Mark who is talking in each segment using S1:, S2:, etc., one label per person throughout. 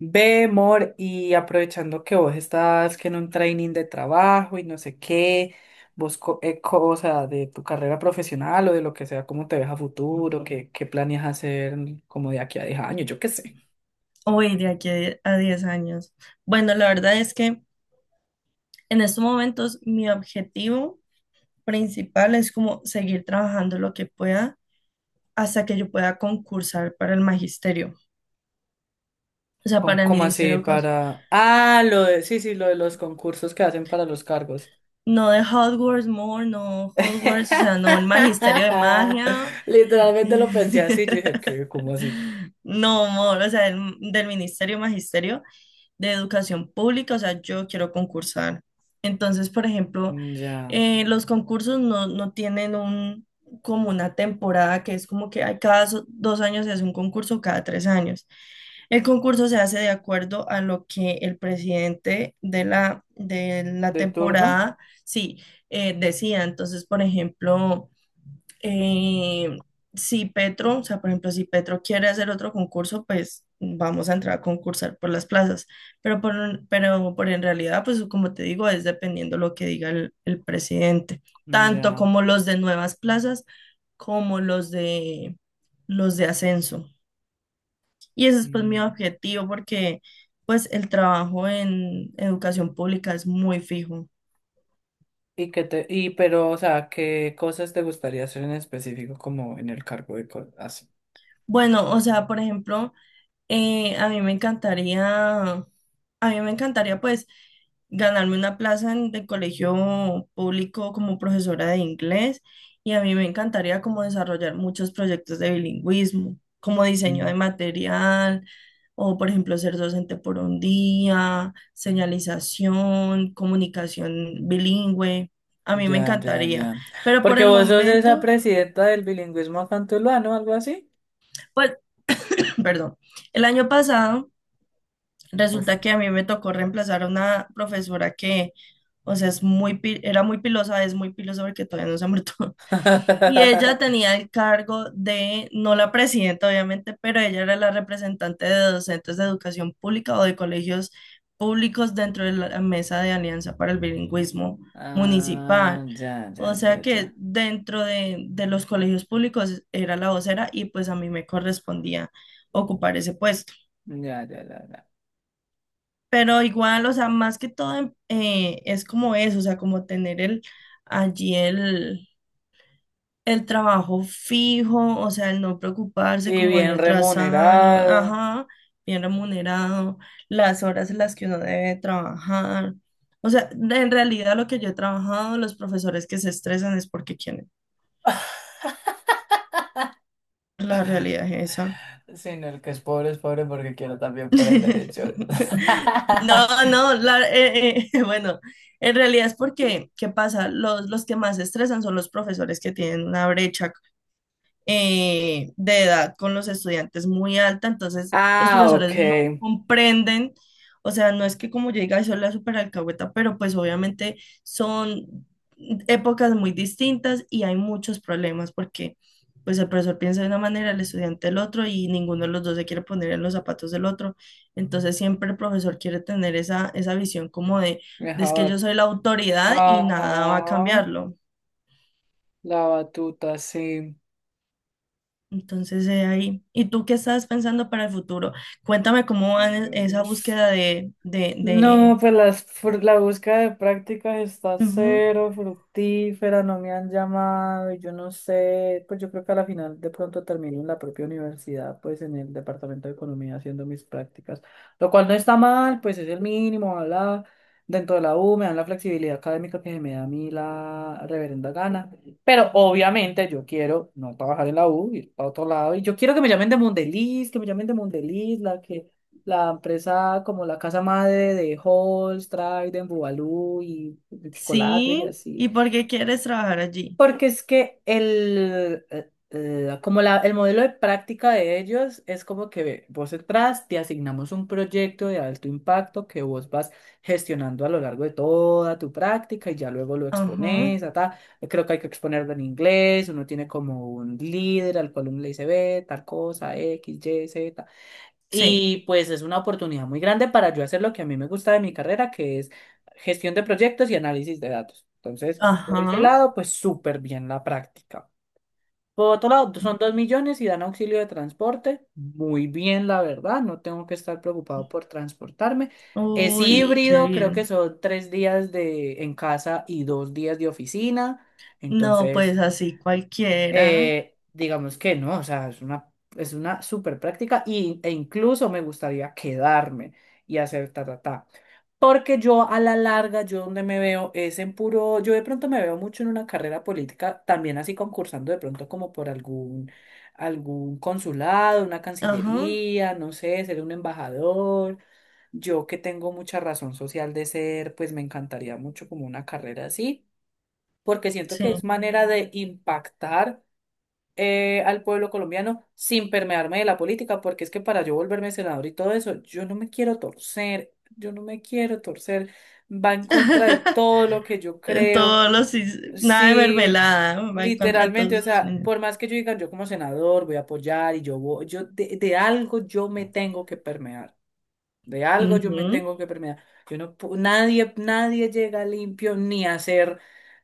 S1: Ve, amor, y aprovechando que vos estás que en un training de trabajo y no sé qué, vos co cosa de tu carrera profesional o de lo que sea, ¿cómo te ves a futuro? Qué planeas hacer como de aquí a 10 años, yo qué sé.
S2: Hoy, de aquí a 10 años. Bueno, la verdad es que en estos momentos mi objetivo principal es como seguir trabajando lo que pueda hasta que yo pueda concursar para el magisterio, o sea,
S1: Con,
S2: para el
S1: ¿cómo así
S2: ministerio.
S1: para...? Ah, lo de... Sí, sí, lo de los concursos que hacen para los cargos.
S2: No de Hogwarts More, no Hogwarts, o sea, no el magisterio de magia,
S1: Literalmente lo pensé así, yo dije, ¿qué? ¿Cómo así?
S2: no More, o sea, del ministerio magisterio, de educación pública, o sea, yo quiero concursar. Entonces, por ejemplo,
S1: Mm, ya.
S2: los concursos no tienen como una temporada que es como que hay cada dos años se hace un concurso, cada tres años. El concurso se hace de acuerdo a lo que el presidente de la
S1: ¿De turno?
S2: temporada, sí, decía. Entonces, por ejemplo... Eh, si Petro, o sea, por ejemplo, si Petro quiere hacer otro concurso, pues vamos a entrar a concursar por las plazas. Pero por en realidad, pues como te digo, es dependiendo lo que diga el presidente,
S1: Mm,
S2: tanto
S1: ya.
S2: como los de nuevas plazas, como los de ascenso. Y ese es pues mi
S1: Mm.
S2: objetivo, porque pues el trabajo en educación pública es muy fijo.
S1: Y que te, y pero, o sea, ¿qué cosas te gustaría hacer en específico como en el cargo de cosas así?
S2: Bueno, o sea, por ejemplo. A mí me encantaría, a mí me encantaría pues ganarme una plaza en el colegio público como profesora de inglés y a mí me encantaría como desarrollar muchos proyectos de bilingüismo, como diseño de
S1: Mm,
S2: material o por ejemplo ser docente por un día, señalización, comunicación bilingüe. A mí me
S1: ya, ya,
S2: encantaría,
S1: ya.
S2: pero por
S1: Porque
S2: el
S1: vos sos esa
S2: momento,
S1: presidenta del bilingüismo acá, ¿no? Algo así.
S2: pues, perdón, el año pasado...
S1: Uf.
S2: Resulta que a mí me tocó reemplazar a una profesora que, o sea, es muy, era muy pilosa, es muy pilosa porque todavía no se ha muerto. Y ella tenía el cargo de, no la presidenta obviamente, pero ella era la representante de docentes de educación pública o de colegios públicos dentro de la mesa de Alianza para el Bilingüismo Municipal.
S1: Ah, ya, ya,
S2: O
S1: ya,
S2: sea
S1: ya.
S2: que dentro de los colegios públicos era la vocera y pues a mí me correspondía ocupar ese puesto.
S1: Ya, ya, ya, ya.
S2: Pero igual, o sea, más que todo es como eso, o sea, como tener allí el, el trabajo fijo, o sea, el no preocuparse
S1: Y
S2: como
S1: bien
S2: año tras año,
S1: remunerado.
S2: ajá, bien remunerado, las horas en las que uno debe trabajar. O sea, en realidad lo que yo he trabajado, los profesores que se estresan es porque quieren. La realidad es esa.
S1: Sino el que es pobre porque quiero también por ahí derechos.
S2: No, no, bueno, en realidad es porque, ¿qué pasa? Los que más se estresan son los profesores que tienen una brecha de edad con los estudiantes muy alta, entonces los
S1: Ah,
S2: profesores no
S1: ok.
S2: comprenden, o sea, no es que como yo diga, soy la super alcahueta, pero pues obviamente son épocas muy distintas y hay muchos problemas porque pues el profesor piensa de una manera, el estudiante el otro y ninguno de los dos se quiere poner en los zapatos del otro. Entonces siempre el profesor quiere tener esa visión como de es que
S1: Mejor.
S2: yo soy la autoridad y nada va a
S1: Ajá.
S2: cambiarlo.
S1: La batuta, sí.
S2: Entonces, ahí. ¿Y tú qué estás pensando para el futuro? Cuéntame cómo va esa
S1: Dios.
S2: búsqueda
S1: No,
S2: de...
S1: pues la búsqueda de prácticas está
S2: Ujú.
S1: cero fructífera, no me han llamado, y yo no sé, pues yo creo que a la final de pronto termino en la propia universidad, pues en el departamento de economía haciendo mis prácticas, lo cual no está mal, pues es el mínimo, bla, dentro de la U me dan la flexibilidad académica que me da a mí la reverenda gana, pero obviamente yo quiero no trabajar en la U, ir a otro lado, y yo quiero que me llamen de Mondeliz, que me llamen de Mondeliz, la empresa como la casa madre de Halls, Trident, Bubalú y de chocolates y
S2: Sí,
S1: así.
S2: ¿y por qué quieres trabajar allí?
S1: Porque es que el modelo de práctica de ellos es como que vos entras, te asignamos un proyecto de alto impacto que vos vas gestionando a lo largo de toda tu práctica y ya luego lo
S2: Ajá,
S1: expones, ta, ta. Creo que hay que exponerlo en inglés, uno tiene como un líder al cual uno le dice, ve, tal cosa, X, Y, Z.
S2: sí,
S1: Y pues es una oportunidad muy grande para yo hacer lo que a mí me gusta de mi carrera, que es gestión de proyectos y análisis de datos. Entonces, por ese
S2: ajá.
S1: lado, pues súper bien la práctica. Por otro lado, son 2 millones y dan auxilio de transporte. Muy bien, la verdad, no tengo que estar preocupado por transportarme. Es
S2: Uy, qué
S1: híbrido, creo que
S2: bien.
S1: son 3 días de en casa y 2 días de oficina.
S2: No,
S1: Entonces,
S2: pues así cualquiera.
S1: digamos que no, o sea, es una súper práctica y, e incluso me gustaría quedarme y hacer ta, ta, ta. Porque yo a la larga, yo donde me veo es en puro, yo de pronto me veo mucho en una carrera política, también así concursando de pronto como por algún, algún consulado, una
S2: Ajá,
S1: cancillería, no sé, ser un embajador. Yo que tengo mucha razón social de ser, pues me encantaría mucho como una carrera así, porque siento
S2: sí.
S1: que es manera de impactar al pueblo colombiano sin permearme de la política, porque es que para yo volverme senador y todo eso, yo no me quiero torcer, yo no me quiero torcer, va en contra de todo lo que yo
S2: En
S1: creo,
S2: todos los... Nada de
S1: sí,
S2: mermelada, va en contra de todos
S1: literalmente, o
S2: sus...
S1: sea, por más que yo diga yo como senador voy a apoyar y yo voy, yo de algo yo me tengo que permear. De algo yo me
S2: Ujú.
S1: tengo que permear. Yo no, nadie, nadie llega limpio ni a ser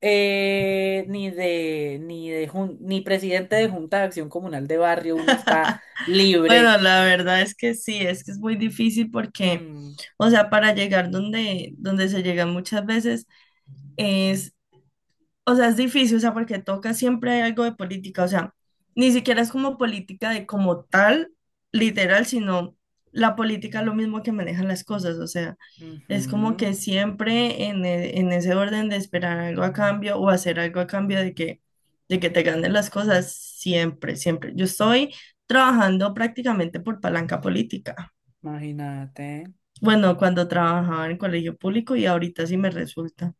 S1: ni ni presidente de Junta de Acción Comunal de Barrio, uno está libre.
S2: Bueno, la verdad es que sí, es que es muy difícil porque,
S1: Mm,
S2: o sea, para llegar donde, donde se llega muchas veces es o sea, es difícil, o sea, porque toca siempre algo de política, o sea, ni siquiera es como política de como tal, literal, sino la política es lo mismo que manejan las cosas, o sea, es como
S1: ujú,
S2: que siempre en ese orden de esperar algo a cambio o hacer algo a cambio de que te ganen las cosas, siempre, siempre. Yo estoy trabajando prácticamente por palanca política.
S1: imagínate.
S2: Bueno, cuando trabajaba en colegio público y ahorita sí me resulta.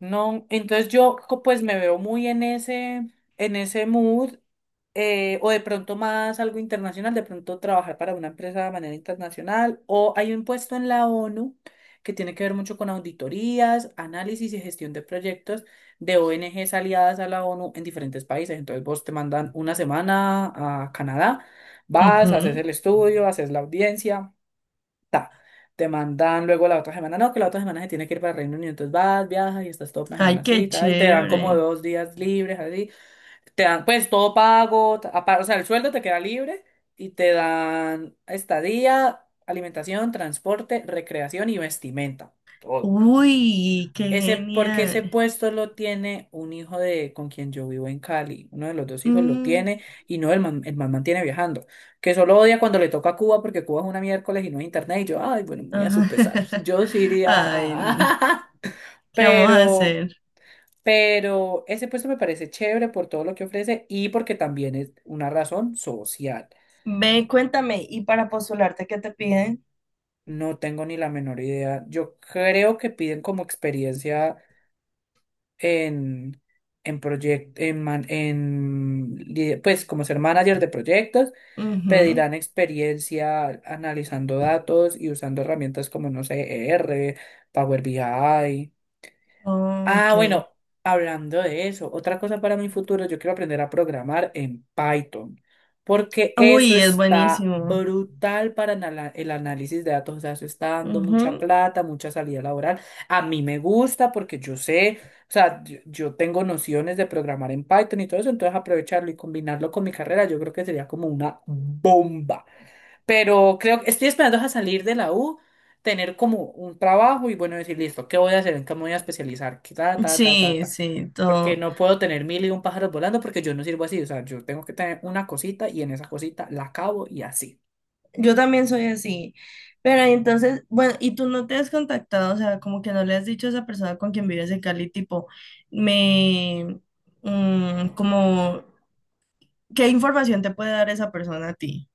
S1: No, entonces pues me veo muy en ese mood, o de pronto más algo internacional, de pronto trabajar para una empresa de manera internacional, o hay un puesto en la ONU que tiene que ver mucho con auditorías, análisis y gestión de proyectos de ONGs aliadas a la ONU en diferentes países. Entonces vos te mandan una semana a Canadá, vas, haces
S2: Ujú.
S1: el estudio, haces la audiencia. Ta, te mandan luego la otra semana, no, que la otra semana se tiene que ir para Reino Unido, entonces vas, viajas y estás toda una
S2: Ay, qué
S1: semanacita y te dan como
S2: chévere.
S1: 2 días libres, así, te dan pues todo pago, o sea, el sueldo te queda libre y te dan estadía, alimentación, transporte, recreación y vestimenta, todo.
S2: Uy, qué
S1: Ese, porque ese
S2: genial.
S1: puesto lo tiene un hijo de con quien yo vivo en Cali. Uno de los dos hijos lo
S2: Mm,
S1: tiene y no, el man mantiene viajando. Que solo odia cuando le toca a Cuba porque Cuba es una miércoles y no hay internet. Y yo, ay, bueno, muy a su pesar.
S2: ajá.
S1: Yo sí iría
S2: Ay, no.
S1: a...
S2: ¿Qué vamos a
S1: Pero,
S2: hacer?
S1: pero ese puesto me parece chévere por todo lo que ofrece y porque también es una razón social.
S2: Ve, cuéntame, ¿y para postularte qué te piden?
S1: No tengo ni la menor idea. Yo creo que piden como experiencia en, en proyectos, en, man- en li- pues como ser manager de proyectos,
S2: Ujú.
S1: pedirán experiencia analizando datos y usando herramientas como, no sé, ER, Power BI. Ah,
S2: Ok.
S1: bueno, hablando de eso, otra cosa para mi futuro, yo quiero aprender a programar en Python, porque eso
S2: Uy, es
S1: está
S2: buenísimo.
S1: brutal para el análisis de datos, o sea, eso está dando mucha
S2: Ujú.
S1: plata, mucha salida laboral. A mí me gusta porque yo sé, o sea, yo tengo nociones de programar en Python y todo eso, entonces aprovecharlo y combinarlo con mi carrera, yo creo que sería como una bomba. Pero creo que estoy esperando a salir de la U, tener como un trabajo y bueno, decir, listo, ¿qué voy a hacer? ¿En qué me voy a especializar? Que ta, ta, ta, ta,
S2: Sí,
S1: ta.
S2: sí,
S1: Porque
S2: todo.
S1: no puedo tener mil y un pájaros volando porque yo no sirvo así. O sea, yo tengo que tener una cosita y en esa cosita la acabo y así.
S2: Yo también soy así. Pero entonces, bueno, y tú no te has contactado, o sea, como que no le has dicho a esa persona con quien vives en Cali, tipo, me, mm, como ¿qué información te puede dar esa persona a ti?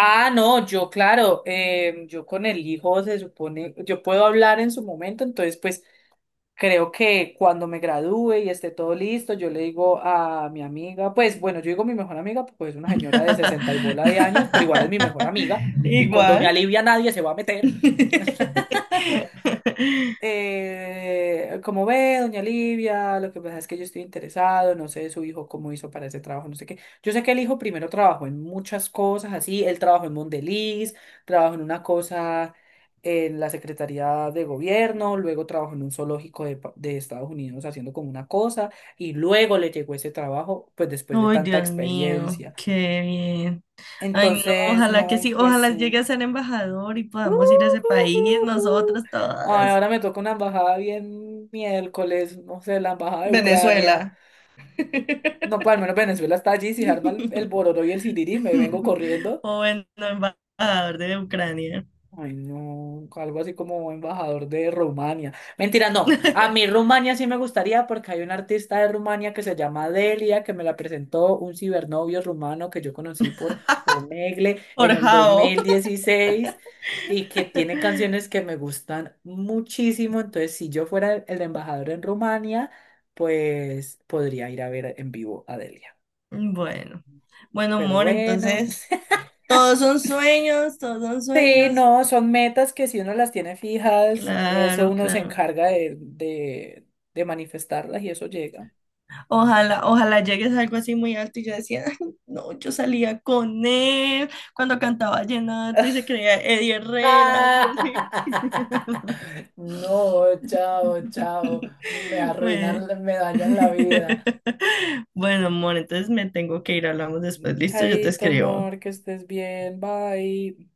S1: Ah, no, yo claro, yo con el hijo se supone, yo puedo hablar en su momento, entonces pues creo que cuando me gradúe y esté todo listo, yo le digo a mi amiga, pues bueno, yo digo mi mejor amiga, pues es una señora de 60 y bola de años, pero igual es mi mejor amiga, y con doña
S2: Igual.
S1: Livia nadie se va a meter, como ve, doña Livia, lo que pasa es que yo estoy interesado, no sé su hijo cómo hizo para ese trabajo, no sé qué. Yo sé que el hijo primero trabajó en muchas cosas así, él trabajó en Mondeliz, trabajó en una cosa en la Secretaría de Gobierno, luego trabajó en un zoológico de, de Estados Unidos haciendo como una cosa, y luego le llegó ese trabajo, pues después de
S2: Ay,
S1: tanta
S2: Dios mío,
S1: experiencia.
S2: qué bien. Ay, no,
S1: Entonces,
S2: ojalá que
S1: no,
S2: sí,
S1: pues
S2: ojalá
S1: sí.
S2: llegue a ser embajador y
S1: Uh,
S2: podamos ir a ese
S1: uh,
S2: país,
S1: uh,
S2: nosotras
S1: Ay,
S2: todas.
S1: ahora me toca una embajada bien miércoles, no sé, la embajada de Ucrania.
S2: Venezuela.
S1: No, pues al menos Venezuela está allí, si se arma el bororo y el sirirí, me vengo corriendo.
S2: O bueno, embajador de Ucrania.
S1: Ay, no, algo así como embajador de Rumania. Mentira, no. A mí Rumania sí me gustaría porque hay un artista de Rumania que se llama Delia, que me la presentó un cibernovio rumano que yo conocí por Omegle
S2: Por
S1: en el dos
S2: Jao.
S1: mil dieciséis y que tiene canciones que me gustan muchísimo. Entonces, si yo fuera el embajador en Rumania, pues podría ir a ver en vivo a Delia.
S2: Bueno, bueno,
S1: Pero
S2: amor,
S1: bueno.
S2: entonces. Todos son sueños, todos son
S1: Sí,
S2: sueños.
S1: no, son metas que si uno las tiene fijas, eso
S2: Claro,
S1: uno se
S2: claro.
S1: encarga de manifestarlas y eso llega.
S2: Ojalá, ojalá llegues a algo así muy alto y yo decía, "Ay, no, yo salía con él cuando cantaba vallenato y se creía Eddie Herrera, Dios mío".
S1: No, chao, chao. Me
S2: Bueno.
S1: arruinan, me dañan la vida.
S2: Bueno, amor, entonces me tengo que ir, hablamos después, listo, yo te
S1: Chaito,
S2: escribo.
S1: amor, que estés bien, bye.